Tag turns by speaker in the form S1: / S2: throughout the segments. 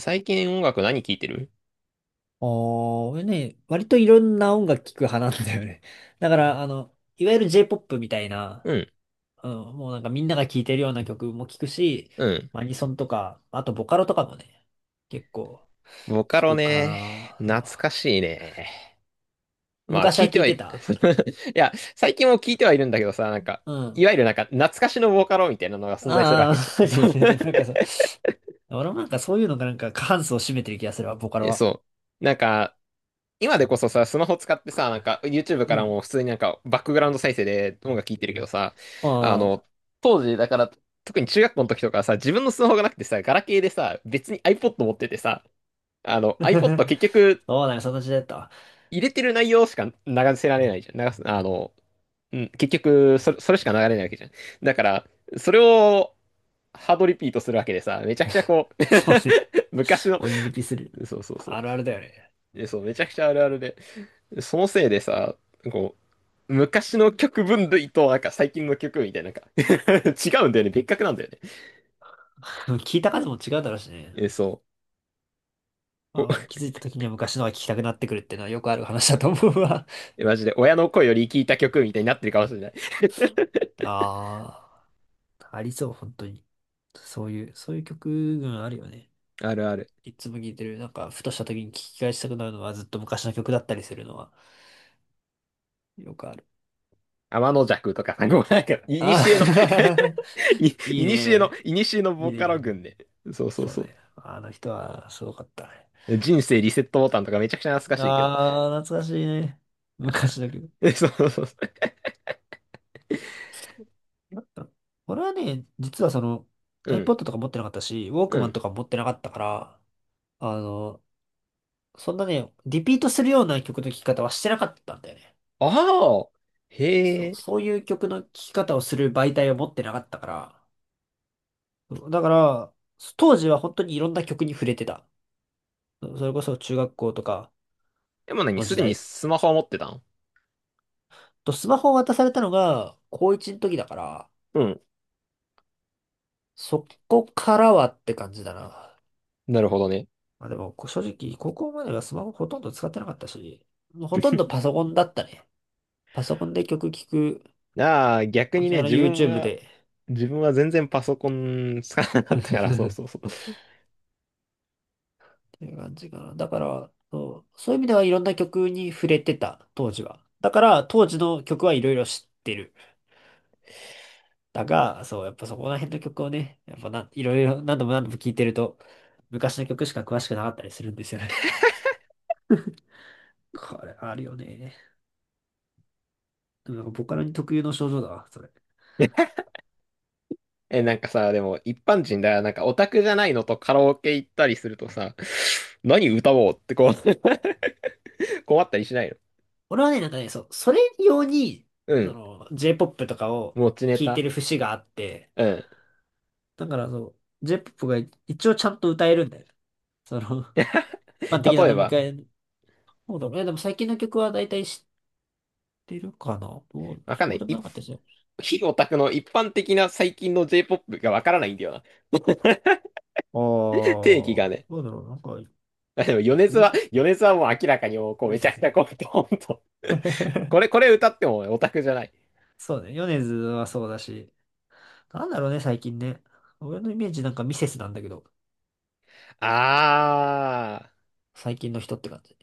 S1: 最近音楽何聴いてる？
S2: おー、ね、割といろんな音楽聴く派なんだよね。だから、いわゆる J-POP みたいな、
S1: うん、
S2: うん、もうなんかみんなが聴いてるような曲も聴くし、
S1: うん。
S2: アニソンとか、あとボカロとかもね、結構
S1: ボカ
S2: 聴
S1: ロ
S2: くか
S1: ね。
S2: な。そう、
S1: 懐かしいね。まあ、
S2: 昔
S1: 聴
S2: は
S1: いて
S2: 聴い
S1: はい、い
S2: てた。
S1: や、最近も聴いてはいるんだけどさ、なんか、
S2: うん。
S1: いわゆるなんか、懐かしのボカロみたいなのが存在するわ
S2: あ
S1: けじ
S2: あ、
S1: ゃん。そう。
S2: なんかそう、俺もなんかそういうのがなんか過半数を占めてる気がするわ、ボカロ
S1: え、
S2: は。
S1: そう。なんか、今でこそさ、スマホ使ってさ、なんか、YouTube
S2: う
S1: から
S2: ん。
S1: も普通になんか、バックグラウンド再生で音楽聴いてるけどさ、
S2: あ
S1: あの、
S2: あ。
S1: 当時、だから、特に中学校の時とかはさ、自分のスマホがなくてさ、ガラケーでさ、別に iPod 持っててさ、iPod 結 局
S2: そうだよ、その時代だったわ。
S1: 入れてる内容しか流せられないじゃん。流す、うん、結局それしか流れないわけじゃん。だから、それをハードリピートするわけでさ、めちゃくちゃこう
S2: そうね。
S1: 昔の、
S2: 鬼リピする。
S1: そうそうそ
S2: あるあるだよね。
S1: う。でそう、めちゃくちゃあるあるで、そのせいでさ、こう、昔の曲分類と、なんか最近の曲みたいな、なんか 違うんだよね。別格なんだよね。
S2: うん、聞いた数も違うだろうしね。
S1: え、そう。
S2: ま
S1: お、
S2: あー、気づいた時には昔のが聞きたくなってくるっていうのはよくある話だと思うわ。
S1: マジで、親の声より聞いた曲みたいになってるかもしれない。
S2: ああ、ありそう、本当に。そういう曲群あるよね。
S1: あるある。
S2: いつも聴いてる、なんか、ふとした時に聞き返したくなるのはずっと昔の曲だったりするのはよくある。
S1: 天の弱とかさ、こうなんか、
S2: ああ。
S1: い、
S2: いいね。
S1: いにしえの
S2: いい
S1: ボ
S2: ね、
S1: カ
S2: い
S1: ロ
S2: いね。
S1: 群ね。そうそう
S2: そう
S1: そ
S2: ね。あの人はすごかったね。
S1: う。人生リセットボタンとかめちゃくちゃ懐かしいけど。
S2: ああ、懐かしいね。
S1: あ
S2: 昔の
S1: ー、
S2: 曲。
S1: そうそうそ
S2: なんか俺はね、実はその
S1: う。う
S2: iPod
S1: ん、
S2: とか持ってなかったし、ウォー
S1: う
S2: クマン
S1: ん。
S2: とか持ってなかったから、あの、そんなね、リピートするような曲の聴き方はしてなかったんだよね。
S1: ああ、へ
S2: そう、
S1: え。
S2: そういう曲の聴き方をする媒体を持ってなかったから、そうだから、当時は本当にいろんな曲に触れてた。それこそ中学校とか
S1: でも何
S2: の
S1: す
S2: 時
S1: でに
S2: 代。
S1: スマホは持ってたの？
S2: と、スマホを渡されたのが高1の時だから、
S1: うん。
S2: そこからはって感じだな。
S1: なるほどね。
S2: まあでも、正直、高校まではスマホほとんど使ってなかったし、もうほとんどパソコンだったね。パソコンで曲聴く
S1: ああ、逆
S2: 感
S1: に
S2: じ、
S1: ね、
S2: YouTube で。
S1: 自分は全然パソコン使わなかった か
S2: っ
S1: ら、そうそうそう。
S2: ていう感じかな。だから、そう、そういう意味ではいろんな曲に触れてた、当時は。だから、当時の曲はいろいろ知ってる。だが、そう、やっぱそこら辺の曲をね、やっぱな、いろいろ何度も何度も聴いてると、昔の曲しか詳しくなかったりするんですよね。これ、あるよね。でもなんかボカロに特有の症状だわ、それ。
S1: え、なんかさ、でも一般人だよ、なんかオタクじゃないのとカラオケ行ったりするとさ、何歌おうってこう 困ったりしないの？
S2: 俺はね、なんかね、そう、それ用に、
S1: う
S2: そ
S1: ん。
S2: の、J-POP とかを
S1: 持ちネ
S2: 聴いて
S1: タ。
S2: る節があって、
S1: うん。
S2: だからそう、J-POP が一応ちゃんと歌えるんだよね。その、一
S1: 例
S2: 般的な
S1: え
S2: 飲み
S1: ば、
S2: 会の。そうだね、でも最近の曲は大体知ってるかな。どう、
S1: わかんな
S2: そう
S1: い。
S2: でもなかったですよ。
S1: 非オタクの一般的な最近の J-POP がわからないんだよな。
S2: ああ、
S1: 定義が
S2: ど
S1: ね。
S2: うだろう、なんか、
S1: あでも、
S2: み
S1: 米津はもう明らかにもう、こう、めちゃくちゃこう、ほんと。これ歌ってもオタクじゃない。
S2: そうね、米津はそうだし、なんだろうね、最近ね。俺のイメージなんかミセスなんだけど、
S1: あ
S2: 最近の人って感じ。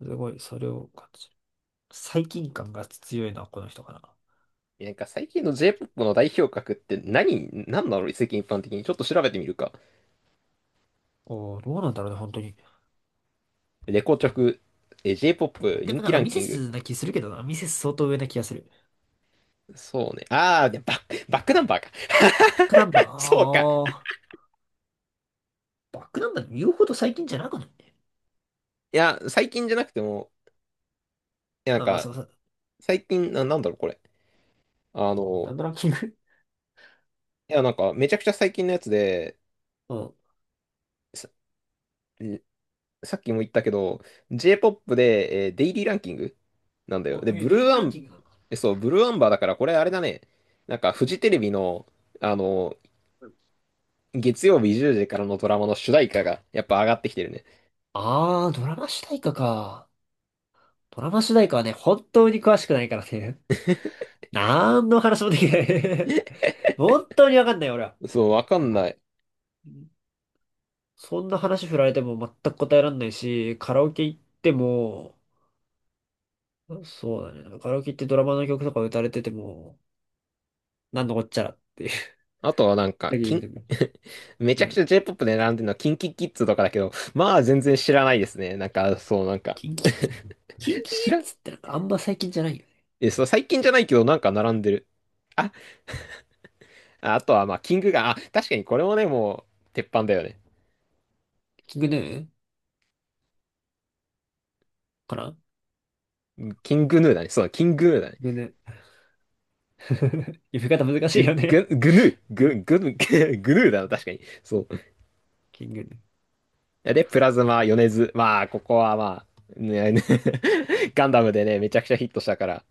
S2: すごい、それを感じる。最近感が強いのはこの人かな。
S1: ー。なんか最近の J-POP の代表格って何なの世間一般的に。ちょっと調べてみるか。
S2: おー、どうなんだろうね、本当に。
S1: レコチョク、J-POP
S2: で
S1: 人
S2: もな
S1: 気
S2: んか
S1: ラン
S2: ミセ
S1: キング。
S2: スな気するけどな。ミセス相当上な気がする。
S1: そうね。あー、でバックナンバーか。
S2: バックナンバー、
S1: そうか。い
S2: あー。バックナンバーで言うほど最近じゃなくない？
S1: や、最近じゃなくても、いやなん
S2: あ、まあそ
S1: か、
S2: うそう。
S1: 最近、な、なんだろう、これ。あ
S2: な
S1: の、
S2: んのランキング？
S1: いや、なんか、めちゃくちゃ最近のやつで、
S2: うん。
S1: さ、えさっきも言ったけど、J-POP で、デイリーランキングなんだよ。
S2: お、
S1: で、
S2: へえ、
S1: ブル
S2: デイ
S1: ー
S2: リー
S1: ア
S2: ラン
S1: ン、
S2: キングなの？
S1: そう、ブルーアンバーだから、これあれだね。なんか、フジテレビの、あの、月曜日10時からのドラマの主題歌が、やっぱ上がってきてるね。
S2: あー、ドラマ主題歌か。ドラマ主題歌はね、本当に詳しくないからね。なんの話もできない。 本当にわかんない、俺は。
S1: そう、わかんない。
S2: そんな話振られても全く答えられないし、カラオケ行っても、そうだね。なんかカラオケ行ってドラマの曲とか歌われてても、なんのこっちゃらっていう。
S1: あとはなん か、
S2: だけ言うても。
S1: めちゃ
S2: う
S1: く
S2: ん。
S1: ちゃ J-POP で並んでるのは、キンキキッズとかだけど、まあ、全然知らないですね。なんか、そう、なんか
S2: キンキ、キンキ キ
S1: 知ら、
S2: ッズってなんかあんま最近じゃないよね。
S1: え、そう、最近じゃないけど、なんか並んでる。あ、あとは、まあ、キングが、あ、確かにこれもね、もう、鉄板だよね。
S2: キングヌーかな、
S1: キングヌーだね。そう、キングヌーだね。
S2: キングヌー。呼び方難しい
S1: グ、
S2: よね。
S1: グ、グヌー、
S2: う
S1: グ、
S2: ん、
S1: グ、グ、グヌーだな、確かに。そ
S2: キングヌー。
S1: う。で、プラズマ、米津。まあ、ここはまあ、ね、ね ガンダムでね、めちゃくちゃヒットしたから。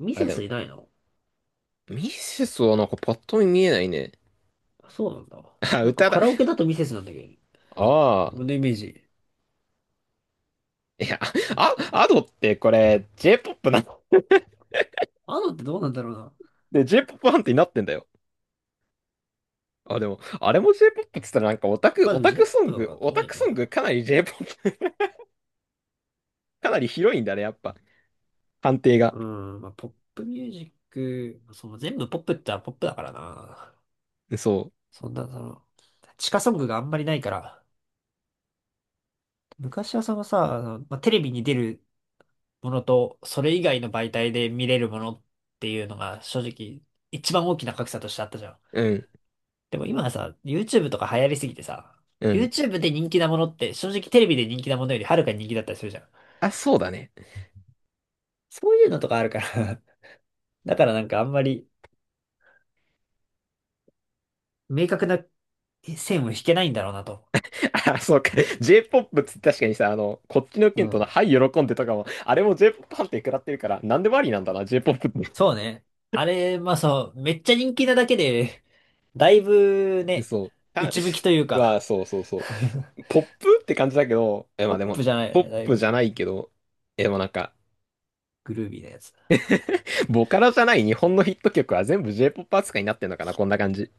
S2: ミ
S1: あ、
S2: セ
S1: でも、
S2: スいないの？
S1: ミセスはなんかパッと見見えないね。
S2: あ、そうなんだ。
S1: あ、
S2: なんか
S1: 歌だ。
S2: カラオケだとミセスなんだけど。
S1: あ
S2: 俺
S1: あ。
S2: のイメージ。
S1: いや、
S2: ミセ
S1: あ、
S2: ス。
S1: アドってこれ、j ポップなの？
S2: あのってどうなんだろうな。
S1: で、j ポップアンティになってんだよ。あ、でも、あれも J-POP って言ったらなんかオタク、
S2: まあでも J-POP だからと
S1: オ
S2: 思う
S1: タ
S2: け
S1: ク
S2: ど
S1: ソング
S2: な。
S1: かなり J-POP、かなり広いんだね、やっぱ。判定が。
S2: うん。まあポップミュージック、その全部ポップってはポップだからな。
S1: そ
S2: そんな、地下ソングがあんまりないから、昔はそのさ、テレビに出るものと、それ以外の媒体で見れるものっていうのが、正直、一番大きな格差としてあったじゃん。
S1: う。うん。
S2: でも今はさ、YouTube とか流行りすぎてさ、
S1: うん。
S2: YouTube で人気なものって、正直テレビで人気なものよりはるかに人気だったりするじゃん。
S1: あ、そうだね。
S2: そういうのとかあるから。 だからなんかあんまり、明確な線を引けないんだろうなと。
S1: あ、そうか。J-POP って確かにさ、あの、こっちの
S2: う
S1: 件と
S2: ん、
S1: の、はい、喜んでとかも、あれも J-POP 判定食らってるから、なんでもありなんだな、J-POP っ
S2: そうね。あれ、まあそう、めっちゃ人気なだけで、だいぶ
S1: て。
S2: ね、
S1: そう。あ
S2: 内向きという
S1: まあ、
S2: か、
S1: そうそうそ う。ポップって感じだけど、え、ま
S2: ポ
S1: あ
S2: ッ
S1: で
S2: プじ
S1: も、
S2: ゃない
S1: ポ
S2: よ
S1: ッ
S2: ね。だい
S1: プじ
S2: ぶ
S1: ゃないけど、え、でもなんか、
S2: グルービーなやつ。
S1: ボカロじゃない日本のヒット曲は全部 J-POP 扱いになってんのかな、こんな感じ。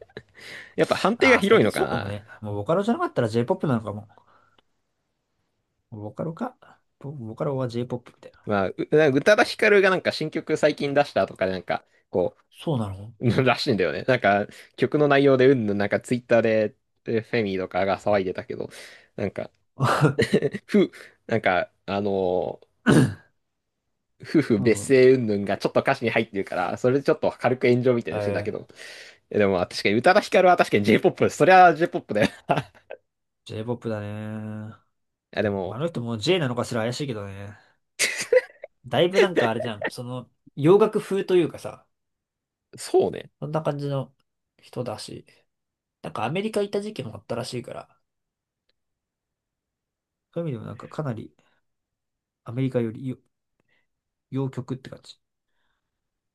S1: やっぱ判定
S2: あ
S1: が
S2: あ、最
S1: 広い
S2: 近
S1: のか
S2: そうかも
S1: な。
S2: ね。もうボカロじゃなかったら j ポップなのかも。ボカロか。ボカロは j ポップみたいな。
S1: まあ、なんか宇多田ヒカルがなんか新曲最近出したとかでなんか、こ
S2: そうなの？
S1: う、らしいんだよね。なんか、曲の内容でうんぬん、なんかツイッターで、フェミとかが騒いでたけど、なんか、ふ、なんか、夫婦
S2: う
S1: 別
S2: ん。
S1: 姓うんぬんがちょっと歌詞に入ってるから、それでちょっと軽く炎上みたい
S2: え
S1: にしてたけ
S2: え、
S1: ど。でも、まあ確かに宇多田ヒカルは確かに J-POP、そりゃ J-POP だよな。い
S2: ジェイポップだね。
S1: や、で
S2: ま
S1: も、
S2: ああの人も J なのかすら怪しいけどね。だいぶなんかあれじゃん。その、洋楽風というかさ、
S1: そうね。
S2: そんな感じの人だし。なんかアメリカ行った時期もあったらしいから、そういう意味でもなんかかなりアメリカより、洋曲って感じ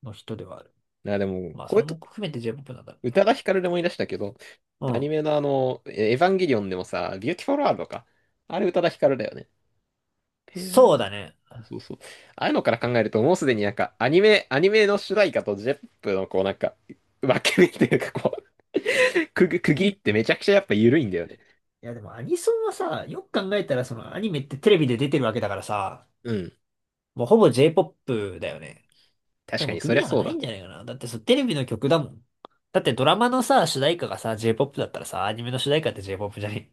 S2: の人ではある。
S1: いや、でも、
S2: まあ、
S1: こ
S2: そ
S1: うい
S2: れ
S1: うと
S2: も含めて J-POP なんだろうけ
S1: 宇
S2: ど。
S1: 多田ヒカルで思い出したけど、
S2: う
S1: アニ
S2: ん。
S1: メのあの、エヴァンゲリオンでもさ、ビューティフォルワールドか。あれ宇多田ヒカルだよね。へえ
S2: そうだね。
S1: そうそう。ああいうのから考えると、もうすでになんか、アニメの主題歌とジェップのこうなんか、分け目っていうかこう、区切りってめちゃくちゃやっぱ緩いんだよね。
S2: いやでもアニソンはさ、よく考えたらそのアニメってテレビで出てるわけだからさ、
S1: うん。
S2: もうほぼ J-POP だよね。
S1: 確
S2: で
S1: か
S2: も
S1: にそ
S2: 国
S1: りゃ
S2: なんか
S1: そう
S2: ない
S1: だ。
S2: んじゃないかな。だってそうテレビの曲だもん。だってドラマのさ、主題歌がさ、J-POP だったらさ、アニメの主題歌って J-POP じゃない？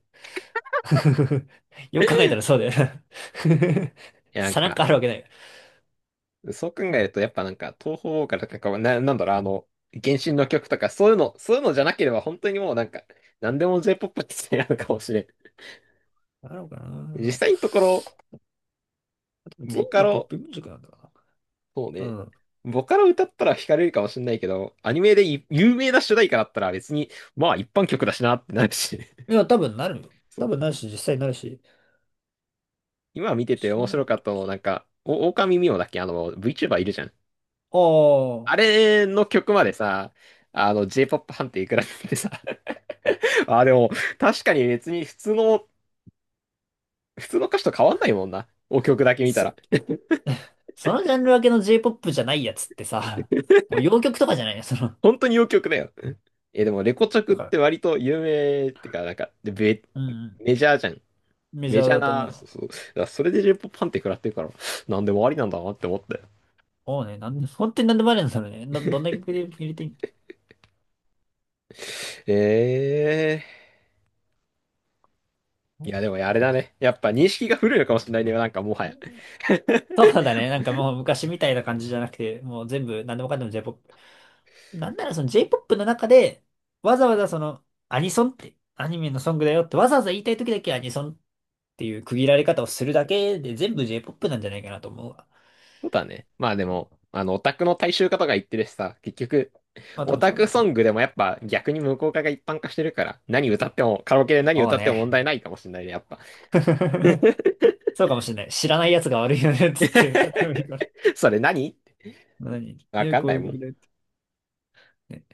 S2: よく考えたらそうだよな。
S1: い や、なん
S2: さなん
S1: か、
S2: かあるわけない。
S1: そう考えると、やっぱなんか、東方からなんか、な、なんだろう、あの、原神の曲とか、そういうのじゃなければ、本当にもうなんか、なんでも J-POP って言ってやるかもしれん。
S2: あるのか
S1: 実
S2: な。
S1: 際のところ、
S2: 全
S1: ボカ
S2: 部ポッ
S1: ロ、
S2: プミュージックなんだ
S1: そう
S2: な。う
S1: ね。
S2: ん。
S1: ボカロ歌ったら惹かれるかもしれないけど、アニメで有名な主題歌だったら別に、まあ一般曲だしなってなるし。
S2: いや、多分なるよ。多
S1: そ
S2: 分
S1: う。
S2: なるし、実際なるし。
S1: 今見てて
S2: 知
S1: 面
S2: らない
S1: 白かっ
S2: と
S1: たの、
S2: き。
S1: なんか、お、狼ミオだっけあの、VTuber いるじゃん。
S2: あ
S1: あ
S2: あ、
S1: れの曲までさ、あの、J-POP 判定いくらってさ。あ、でも、確かに別に普通の歌詞と変わんないもんな。お曲だけ見た
S2: そ、
S1: ら。
S2: そのジャンル分けの J-POP じゃないやつってさ、もう洋曲とかじゃないよ、その、
S1: 本当にお曲だよ。え、でも、レコチョク
S2: と
S1: っ
S2: か。
S1: て割と有名ってか、なんか、で
S2: うん、
S1: メ
S2: う
S1: ジャーじゃん。
S2: ん。メジ
S1: メ
S2: ャ
S1: ジ
S2: ー
S1: ャー
S2: だと思
S1: な、そ
S2: う。
S1: うそう。だからそれで10パンって食らってるから、なんでもありなんだなって思って。
S2: もうね、なんで、本当になんでもあるんだろうね。どんな曲で入れていい
S1: ええーい
S2: の？
S1: や、でもあ
S2: そ
S1: れだ
S2: っ
S1: ね。やっぱ認識が古いのかもしれないね。なんかもはや。
S2: か。 そうだね。なんかもう昔みたいな感じじゃなくて、もう全部何でもかんでも J-POP。なんならその J-POP の中で、わざわざそのアニソンって、アニメのソングだよってわざわざ言いたい時だけアニソンっていう区切られ方をするだけで全部 J-POP なんじゃないかなと思うわ。
S1: そうだね。まあでも、あの、オタクの大衆化とか言ってるしさ、結局、
S2: まあ多
S1: オ
S2: 分
S1: タ
S2: そうだ
S1: ク
S2: よ、
S1: ソ
S2: 本当
S1: ン
S2: に。
S1: グでもやっぱ逆に無効化が一般化してるから、何歌っても、カラオケで何
S2: そう
S1: 歌っても問
S2: ね。
S1: 題ないかもしれないね、やっぱ。
S2: そうかもしれない。知らない奴が悪いよねっつって歌ってもいいから。
S1: それ何って
S2: 何、
S1: わ
S2: え、
S1: かん
S2: こ
S1: な
S2: う
S1: い
S2: いう
S1: も
S2: 曲
S1: ん。
S2: だよって。ね